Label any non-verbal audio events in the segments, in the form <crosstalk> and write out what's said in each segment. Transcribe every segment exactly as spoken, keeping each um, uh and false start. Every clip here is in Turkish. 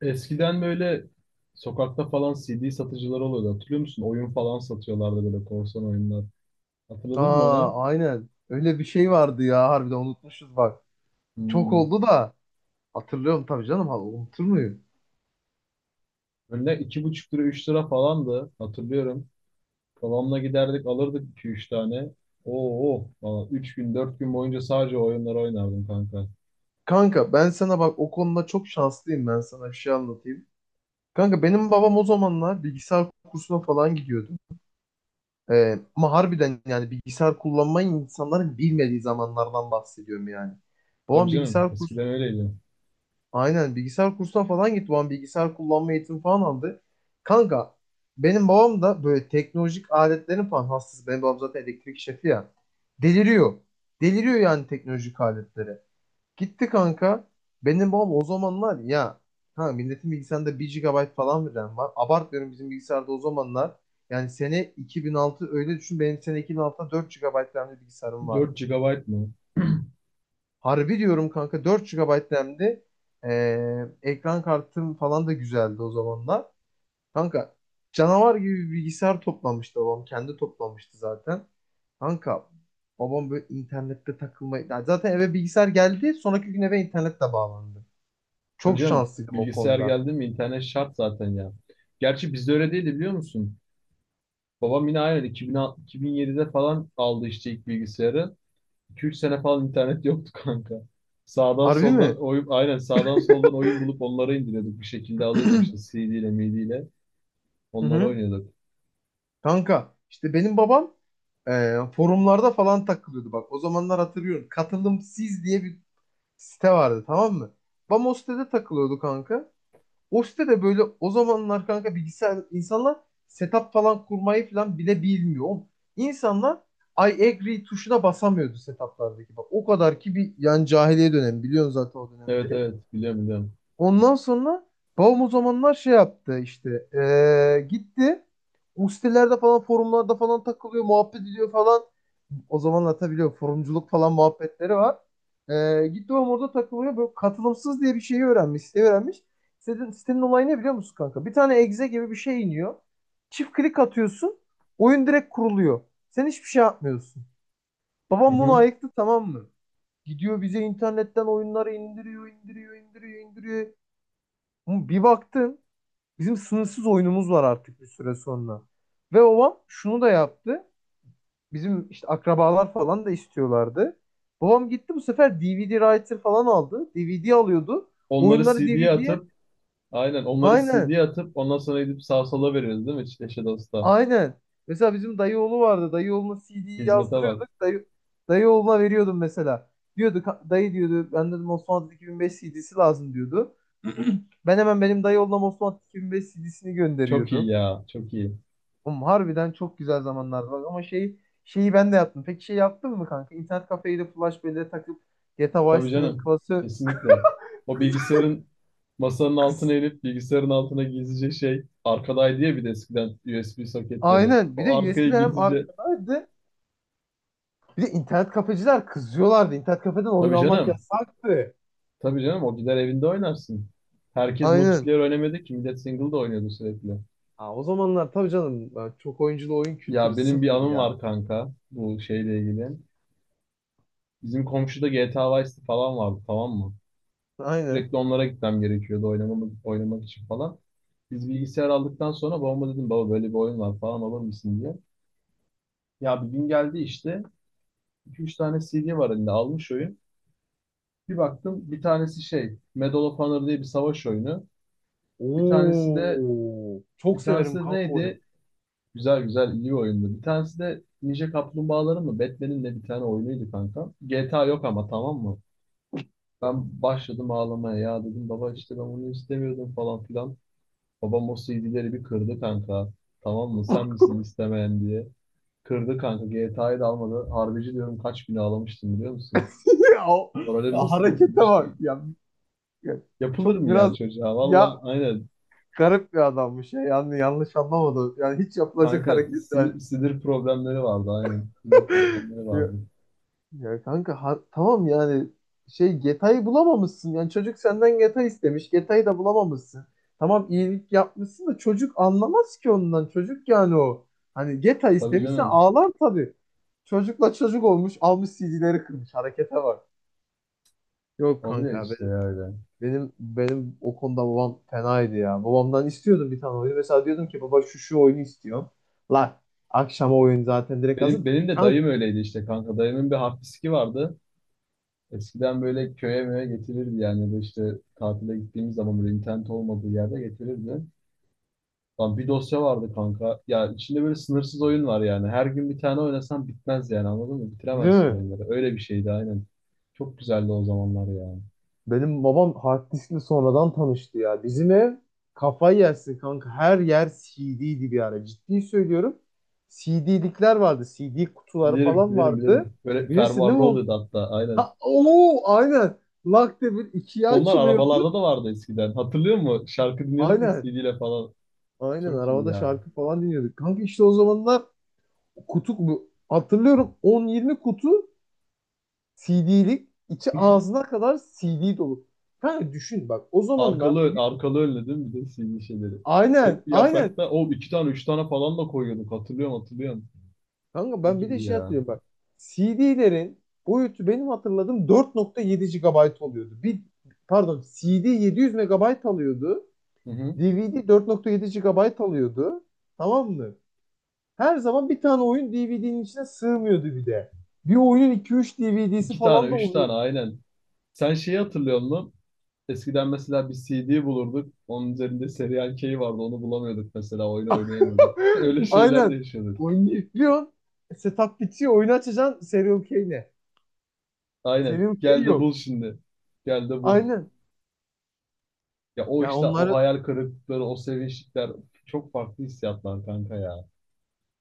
Eskiden böyle sokakta falan C D satıcıları oluyordu. Hatırlıyor musun? Oyun falan satıyorlardı böyle korsan oyunlar. Hatırladın mı onu? Aa, aynen. Öyle bir şey vardı ya harbiden unutmuşuz bak. Çok Hmm. oldu da hatırlıyorum tabii canım, ha unutur muyum? Önüne iki buçuk lira, üç lira falandı. Hatırlıyorum. Babamla giderdik alırdık iki üç tane. Oo, falan. Üç gün, dört gün boyunca sadece o oyunları oynardım kanka. Kanka ben sana bak o konuda çok şanslıyım, ben sana bir şey anlatayım. Kanka benim babam o zamanlar bilgisayar kursuna falan gidiyordu. Ee, ama harbiden yani bilgisayar kullanmayı insanların bilmediği zamanlardan bahsediyorum yani. Tabii Babam canım. bilgisayar Eskiden kursu öyleydi. Aynen bilgisayar kursuna falan gitti. Babam bilgisayar kullanma eğitimi falan aldı. Kanka benim babam da böyle teknolojik aletlerin falan hastası. Benim babam zaten elektrik şefi ya. Deliriyor. Deliriyor yani teknolojik aletlere. Gitti kanka. Benim babam o zamanlar ya, ha milletin bilgisayarında bir gigabayt falan bir RAM var. Abartmıyorum bizim bilgisayarda o zamanlar. Yani sene iki bin altı, öyle düşün. Benim sene iki bin altıda dört G B RAM'li bilgisayarım vardı. Dört G B mı? <clears throat> Harbi diyorum kanka, dört G B RAM'di. Ee, ekran kartım falan da güzeldi o zamanlar. Kanka canavar gibi bir bilgisayar toplamıştı babam. Kendi toplamıştı zaten. Kanka babam böyle internette takılmayı... Ya zaten eve bilgisayar geldi. Sonraki gün eve internetle bağlandı. Tabii Çok canım. şanslıydım o Bilgisayar konuda. geldi mi internet şart zaten ya. Gerçi bizde öyle değildi biliyor musun? Babam yine aynen iki bin, iki bin yedide falan aldı işte ilk bilgisayarı. iki ila üç sene falan internet <laughs> yoktu kanka. Sağdan Harbi soldan mi? oyun aynen sağdan soldan oyun bulup onları indiriyorduk, bir şekilde <clears throat> alıyorduk Hı işte C D ile MIDI ile onları hı. oynuyorduk. Kanka işte benim babam e, forumlarda falan takılıyordu bak. O zamanlar hatırlıyorum. Katılımsız diye bir site vardı, tamam mı? Bam o sitede takılıyordu kanka. O sitede böyle o zamanlar kanka bilgisayar insanlar setup falan kurmayı falan bile bilmiyor. Oğlum, İnsanlar I agree tuşuna basamıyordu setuplardaki. Bak o kadar ki bir yani, cahiliye dönemi biliyorsun zaten o Evet dönemleri. evet, biliyorum biliyorum. Ondan sonra babam o zamanlar şey yaptı işte, eee, gitti o sitelerde falan forumlarda falan takılıyor, muhabbet ediyor falan. O zamanlar tabii biliyorum forumculuk falan muhabbetleri var. Eee gitti babam orada takılıyor böyle, katılımsız diye bir şeyi öğrenmiş, siteyi öğrenmiş. Sitenin, sitenin olayı ne biliyor musun kanka? Bir tane exe gibi bir şey iniyor. Çift klik atıyorsun, oyun direkt kuruluyor. Sen hiçbir şey yapmıyorsun. Hı Babam bunu hı. ayıktı, tamam mı? Gidiyor bize internetten oyunları indiriyor, indiriyor, indiriyor, indiriyor. Ama bir baktın bizim sınırsız oyunumuz var artık bir süre sonra. Ve babam şunu da yaptı. Bizim işte akrabalar falan da istiyorlardı. Babam gitti bu sefer D V D writer falan aldı. D V D alıyordu. Oyunları Onları CD'ye D V D'ye, atıp aynen onları aynen C D'ye atıp ondan sonra gidip sağ sola veriyoruz, değil mi? Eşe dosta. aynen. Mesela bizim dayı oğlu vardı. Dayı oğluna C D'yi Hizmete bak. yazdırıyorduk. Dayı, dayı oğluna veriyordum mesela. Diyordu dayı, diyordu ben dedim Osmanlı iki bin beş C D'si lazım diyordu. Ben hemen benim dayı oğluna Osmanlı iki bin beş C D'sini Çok iyi gönderiyordum. ya, çok iyi. Oğlum harbiden çok güzel zamanlardı bak, ama şey şeyi ben de yaptım. Peki şey yaptın mı kanka? İnternet kafeye de flash belleğe takıp G T A Vice Tabii City'nin canım. klası. Kesinlikle. O bilgisayarın masanın altına inip bilgisayarın altına gizlice, şey, arkadaydı ya bir de eskiden U S B soketleri. Aynen. Bir de O arkayı U S B'ler hem gizlice. arkadaydı. Bir de internet kafeciler kızıyorlardı. İnternet kafeden oyun Tabii almak canım. yasaktı. Tabii canım, o gider evinde oynarsın. Herkes Aynen. multiplayer oynamadı ki, millet single da oynuyordu sürekli. Aa, o zamanlar tabii canım ben çok oyunculu oyun kültürü Ya benim bir sıfır anım ya. var kanka bu şeyle ilgili. Bizim komşuda geta Vice City falan vardı, tamam mı? Aynen. Sürekli onlara gitmem gerekiyordu, oynamak, oynamak için falan. Biz bilgisayar aldıktan sonra babama dedim, baba böyle bir oyun var falan alır mısın diye. Ya bir gün geldi işte. İki üç tane C D var elinde, almış oyun. Bir baktım, bir tanesi şey Medal of Honor diye bir savaş oyunu. Bir tanesi de Oo, çok bir tanesi severim de kanka oyunu. neydi? Güzel güzel, iyi bir oyundu. Bir tanesi de Ninja Kaplumbağaların mı, Batman'in ne bir tane oyunuydu kanka. geta yok ama, tamam mı? Ben başladım ağlamaya ya, dedim baba işte ben bunu istemiyordum falan filan. Babam o C D'leri bir kırdı kanka. Tamam mı sen <laughs> misin istemeyen diye. Kırdı kanka, geta'yı da almadı. Harbici diyorum, kaç gün ağlamıştım biliyor musun? ya, o- Morali Ya nasıl harekete bak bozulmuştu? ya. Ya Çok Yapılır mı biraz ya çocuğa? ya Valla aynen. Garip bir adammış ya. Yani yanlış anlamadım. Yani hiç yapılacak Kanka hareket sinir, yani. sinir problemleri vardı aynen. Sinir <laughs> problemleri Ya, vardı. ya kanka, ha- tamam yani, şey Geta'yı bulamamışsın. Yani çocuk senden Geta istemiş. Geta'yı da bulamamışsın. Tamam iyilik yapmışsın da çocuk anlamaz ki ondan. Çocuk yani o. Hani Geta Tabii istemişse canım. ağlar tabii. Çocukla çocuk olmuş almış C D'leri kırmış. Harekete bak. Yok Oluyor kanka abi. işte ya öyle. Benim benim o konuda babam fenaydı ya. Babamdan istiyordum bir tane oyunu. Mesela diyordum ki baba şu şu oyunu istiyorum. Lan akşama oyun zaten direkt hazır. Benim, benim de Lan, dayım öyleydi işte kanka. Dayımın bir hafifçiki vardı. Eskiden böyle köye möye getirirdi yani. Ya da işte tatile gittiğimiz zaman böyle internet olmadığı yerde getirirdi. Lan bir dosya vardı kanka. Ya içinde böyle sınırsız oyun var yani. Her gün bir tane oynasan bitmez yani, anladın mı? değil Bitiremezsin mi? oyunları. Öyle bir şeydi aynen. Çok güzeldi o zamanlar ya. Benim babam hard diskle sonradan tanıştı ya. Bizim ev, kafayı yersin kanka. Her yer C D'ydi bir ara. Ciddi söylüyorum. C D'likler vardı. C D kutuları Bilirim, falan bilirim, vardı. bilirim. Böyle Bilirsin değil fermuarlı mi onu? oluyordu hatta, aynen. Ha, oo, aynen. Lak bir ikiye Onlar açılıyordu. arabalarda da vardı eskiden. Hatırlıyor musun? Şarkı dinliyorduk ya Aynen. C D ile falan. Aynen Çok iyi arabada ya. şarkı falan dinliyorduk. Kanka işte o zamanlar kutu bu. Hatırlıyorum on yirmi kutu C D'lik içi ağzına kadar C D dolu. Kanka düşün bak o zamanlar, Arkalı, ön- arkalı önlü değil mi? Bir de C D şeyleri. aynen Tek bir aynen yaprakta o iki tane, üç tane falan da koyuyorduk. Hatırlıyorum, hatırlıyorum. kanka, ben Çok bir de iyi şey ya. hatırlıyorum bak C D'lerin boyutu benim hatırladığım dört nokta yedi gigabayt oluyordu. Bir, pardon, CD yedi yüz M B alıyordu. Hı hı. DVD dört nokta yedi GB alıyordu. Tamam mı? Her zaman bir tane oyun D V D'nin içine sığmıyordu bir de. Bir oyunun iki üç D V D'si İki tane, falan da üç oluyor. tane, aynen. Sen şeyi hatırlıyor musun? Eskiden mesela bir C D bulurduk. Onun üzerinde Serial K vardı. Onu bulamıyorduk mesela. Oyunu oynayamıyorduk. <laughs> <laughs> Öyle şeyler de Aynen. yaşıyorduk. Oyunu yüklüyorsun. Setup bitiyor. Oyunu açacaksın, Serial K'yle. Aynen. Serial K Gel de yok. bul şimdi. Gel de bul. Aynen. Ya o Ya işte, o onları hayal kırıklıkları, o sevinçlikler, çok farklı hissiyatlar kanka ya.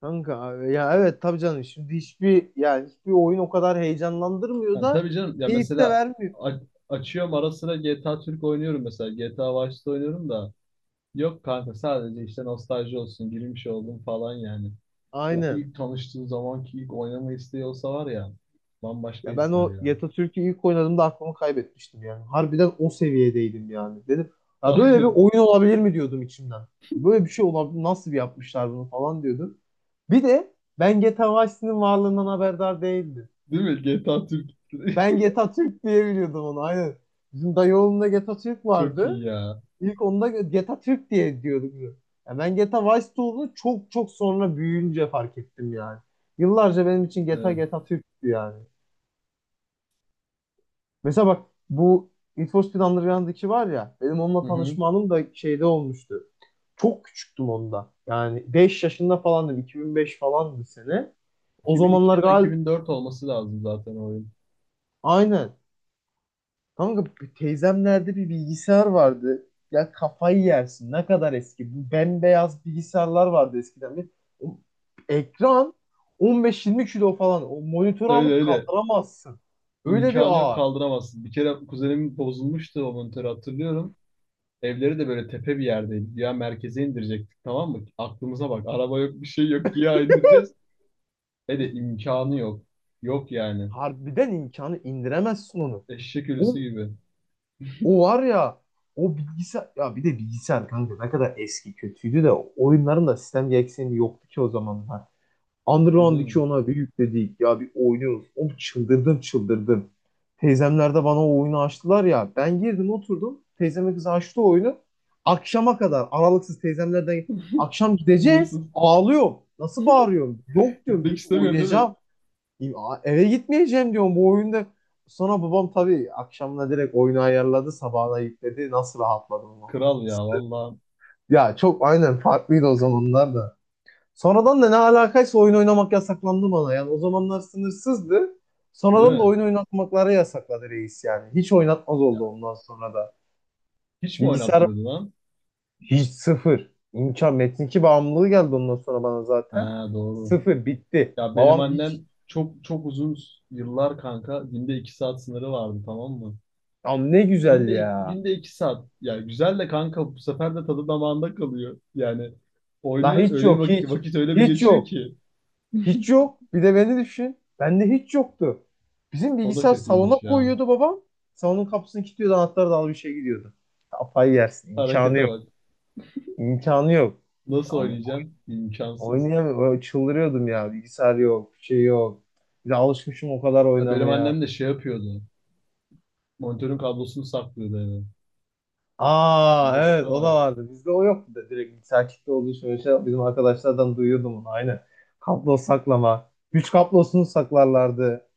kanka abi, ya evet tabii canım, şimdi hiçbir yani hiçbir oyun o kadar heyecanlandırmıyor Yani da tabii canım ya, keyif de mesela vermiyor. a- açıyorum ara sıra geta Türk oynuyorum mesela. geta Vice'de oynuyorum da yok kanka, sadece işte nostalji olsun, girmiş oldum falan yani. O Aynen. ilk tanıştığı zamanki ilk oynama isteği olsa var ya, bambaşka Ya ben ister o ya. Türk'ü ilk oynadığımda aklımı kaybetmiştim yani. Harbiden o seviyedeydim yani. Dedim, ya böyle bir <laughs> oyun olabilir mi diyordum içimden. Böyle bir şey olabilir, nasıl bir yapmışlar bunu falan diyordum. Bir de ben G T A Vice City'nin varlığından haberdar değildim. Değil mi? G T A Türk. <laughs> Ben Geta Türk diye biliyordum onu aynen. Bizim dayı oğlunda G T A Türk Çok iyi vardı. ya. İlk onda Geta Türk diye diyorduk biz. Ya ben Geta Vice olduğunu çok çok sonra büyüyünce fark ettim yani. Yıllarca benim için Geta Evet. Geta Türk'tü yani. Mesela bak bu Need for Speed Underground'daki var ya, benim Hı onunla hı. tanışma anım da şeyde olmuştu. Çok küçüktüm onda. Yani beş yaşında falandım. iki bin beş falandı sene. O iki bin iki zamanlar ya da galiba, iki bin dört olması lazım zaten o oyun. aynen. Kanka bir teyzemlerde bir bilgisayar vardı. Ya kafayı yersin. Ne kadar eski. Bu bembeyaz bilgisayarlar vardı eskiden. Bir, o ekran on beş yirmi kilo falan. O monitörü Öyle alıp öyle. kaldıramazsın. Öyle bir İmkanı yok ağır. kaldıramazsın. Bir kere kuzenimin bozulmuştu o monitörü, hatırlıyorum. Evleri de böyle tepe bir yerdeydi. Ya merkeze indirecektik, tamam mı? Aklımıza bak. Araba yok, bir şey yok. Ya indireceğiz. Ve de imkanı yok. Yok yani. Harbiden imkanı indiremezsin onu. Eşek O, ölüsü gibi. o var ya o bilgisayar, ya bir de bilgisayar kanka ne kadar eski kötüydü de oyunların da sistem gereksinimi yoktu ki o zamanlar. Tabii Underground iki canım. ona bir yükledik. Ya bir oynuyoruz. Oğlum çıldırdım çıldırdım. Teyzemler de bana o oyunu açtılar ya. Ben girdim oturdum. Teyzeme kız açtı o oyunu. Akşama kadar aralıksız teyzemlerden akşam gideceğiz. Sınırsız. Ağlıyorum. Nasıl bağırıyorum? Yok diyorum Gitmek git istemiyorsun değil mi? oynayacağım. Ya, eve gitmeyeceğim diyorum bu oyunda. Sonra babam tabii akşamına direkt oyunu ayarladı. Sabahına yükledi. Nasıl rahatladım o! Kral ya vallahi. Ya çok aynen farklıydı o zamanlar da. Sonradan da ne alakaysa oyun oynamak yasaklandı bana. Yani o zamanlar sınırsızdı. Değil Sonradan da mi? oyun oynatmakları yasakladı reis yani. Hiç oynatmaz oldu ondan sonra da. Hiç mi Bilgisayar oynatmıyordun lan? hiç, sıfır. İmkan metin bağımlılığı geldi ondan sonra bana zaten. Ha doğru. Sıfır, bitti. Ya benim Babam hiç. annem çok çok uzun yıllar kanka günde iki saat sınırı vardı, tamam mı? Am ne güzel Günde ya. günde iki saat. Yani güzel de kanka, bu sefer de tadı damağında kalıyor. Yani La oynuyor, hiç öyle bir yok vak- hiç. vakit öyle bir Hiç geçiyor yok. ki. Hiç yok. Bir de beni düşün. Bende hiç yoktu. Bizim O da bilgisayar salona kötüymüş ya. koyuyordu babam. Salonun kapısını kilitliyordu. Anahtarı da al bir şey gidiyordu. Kafayı yersin. İmkanı Harekete yok. bak. İmkanı yok. Ya, Nasıl oynayacağım? İmkansız. oynayamıyorum. Çıldırıyordum ya. Bilgisayar yok. Bir şey yok. Bir de alışmışım o kadar Ya benim oynamaya. annem de şey yapıyordu. Monitörün kablosunu saklıyordu eve. Aa Harekete evet, o da bak. vardı. Bizde o yoktu da direkt bilgisayar kitle olduğu için öyle şey, bizim arkadaşlardan duyuyordum onu aynen. Kablo saklama. Güç kablosunu saklarlardı.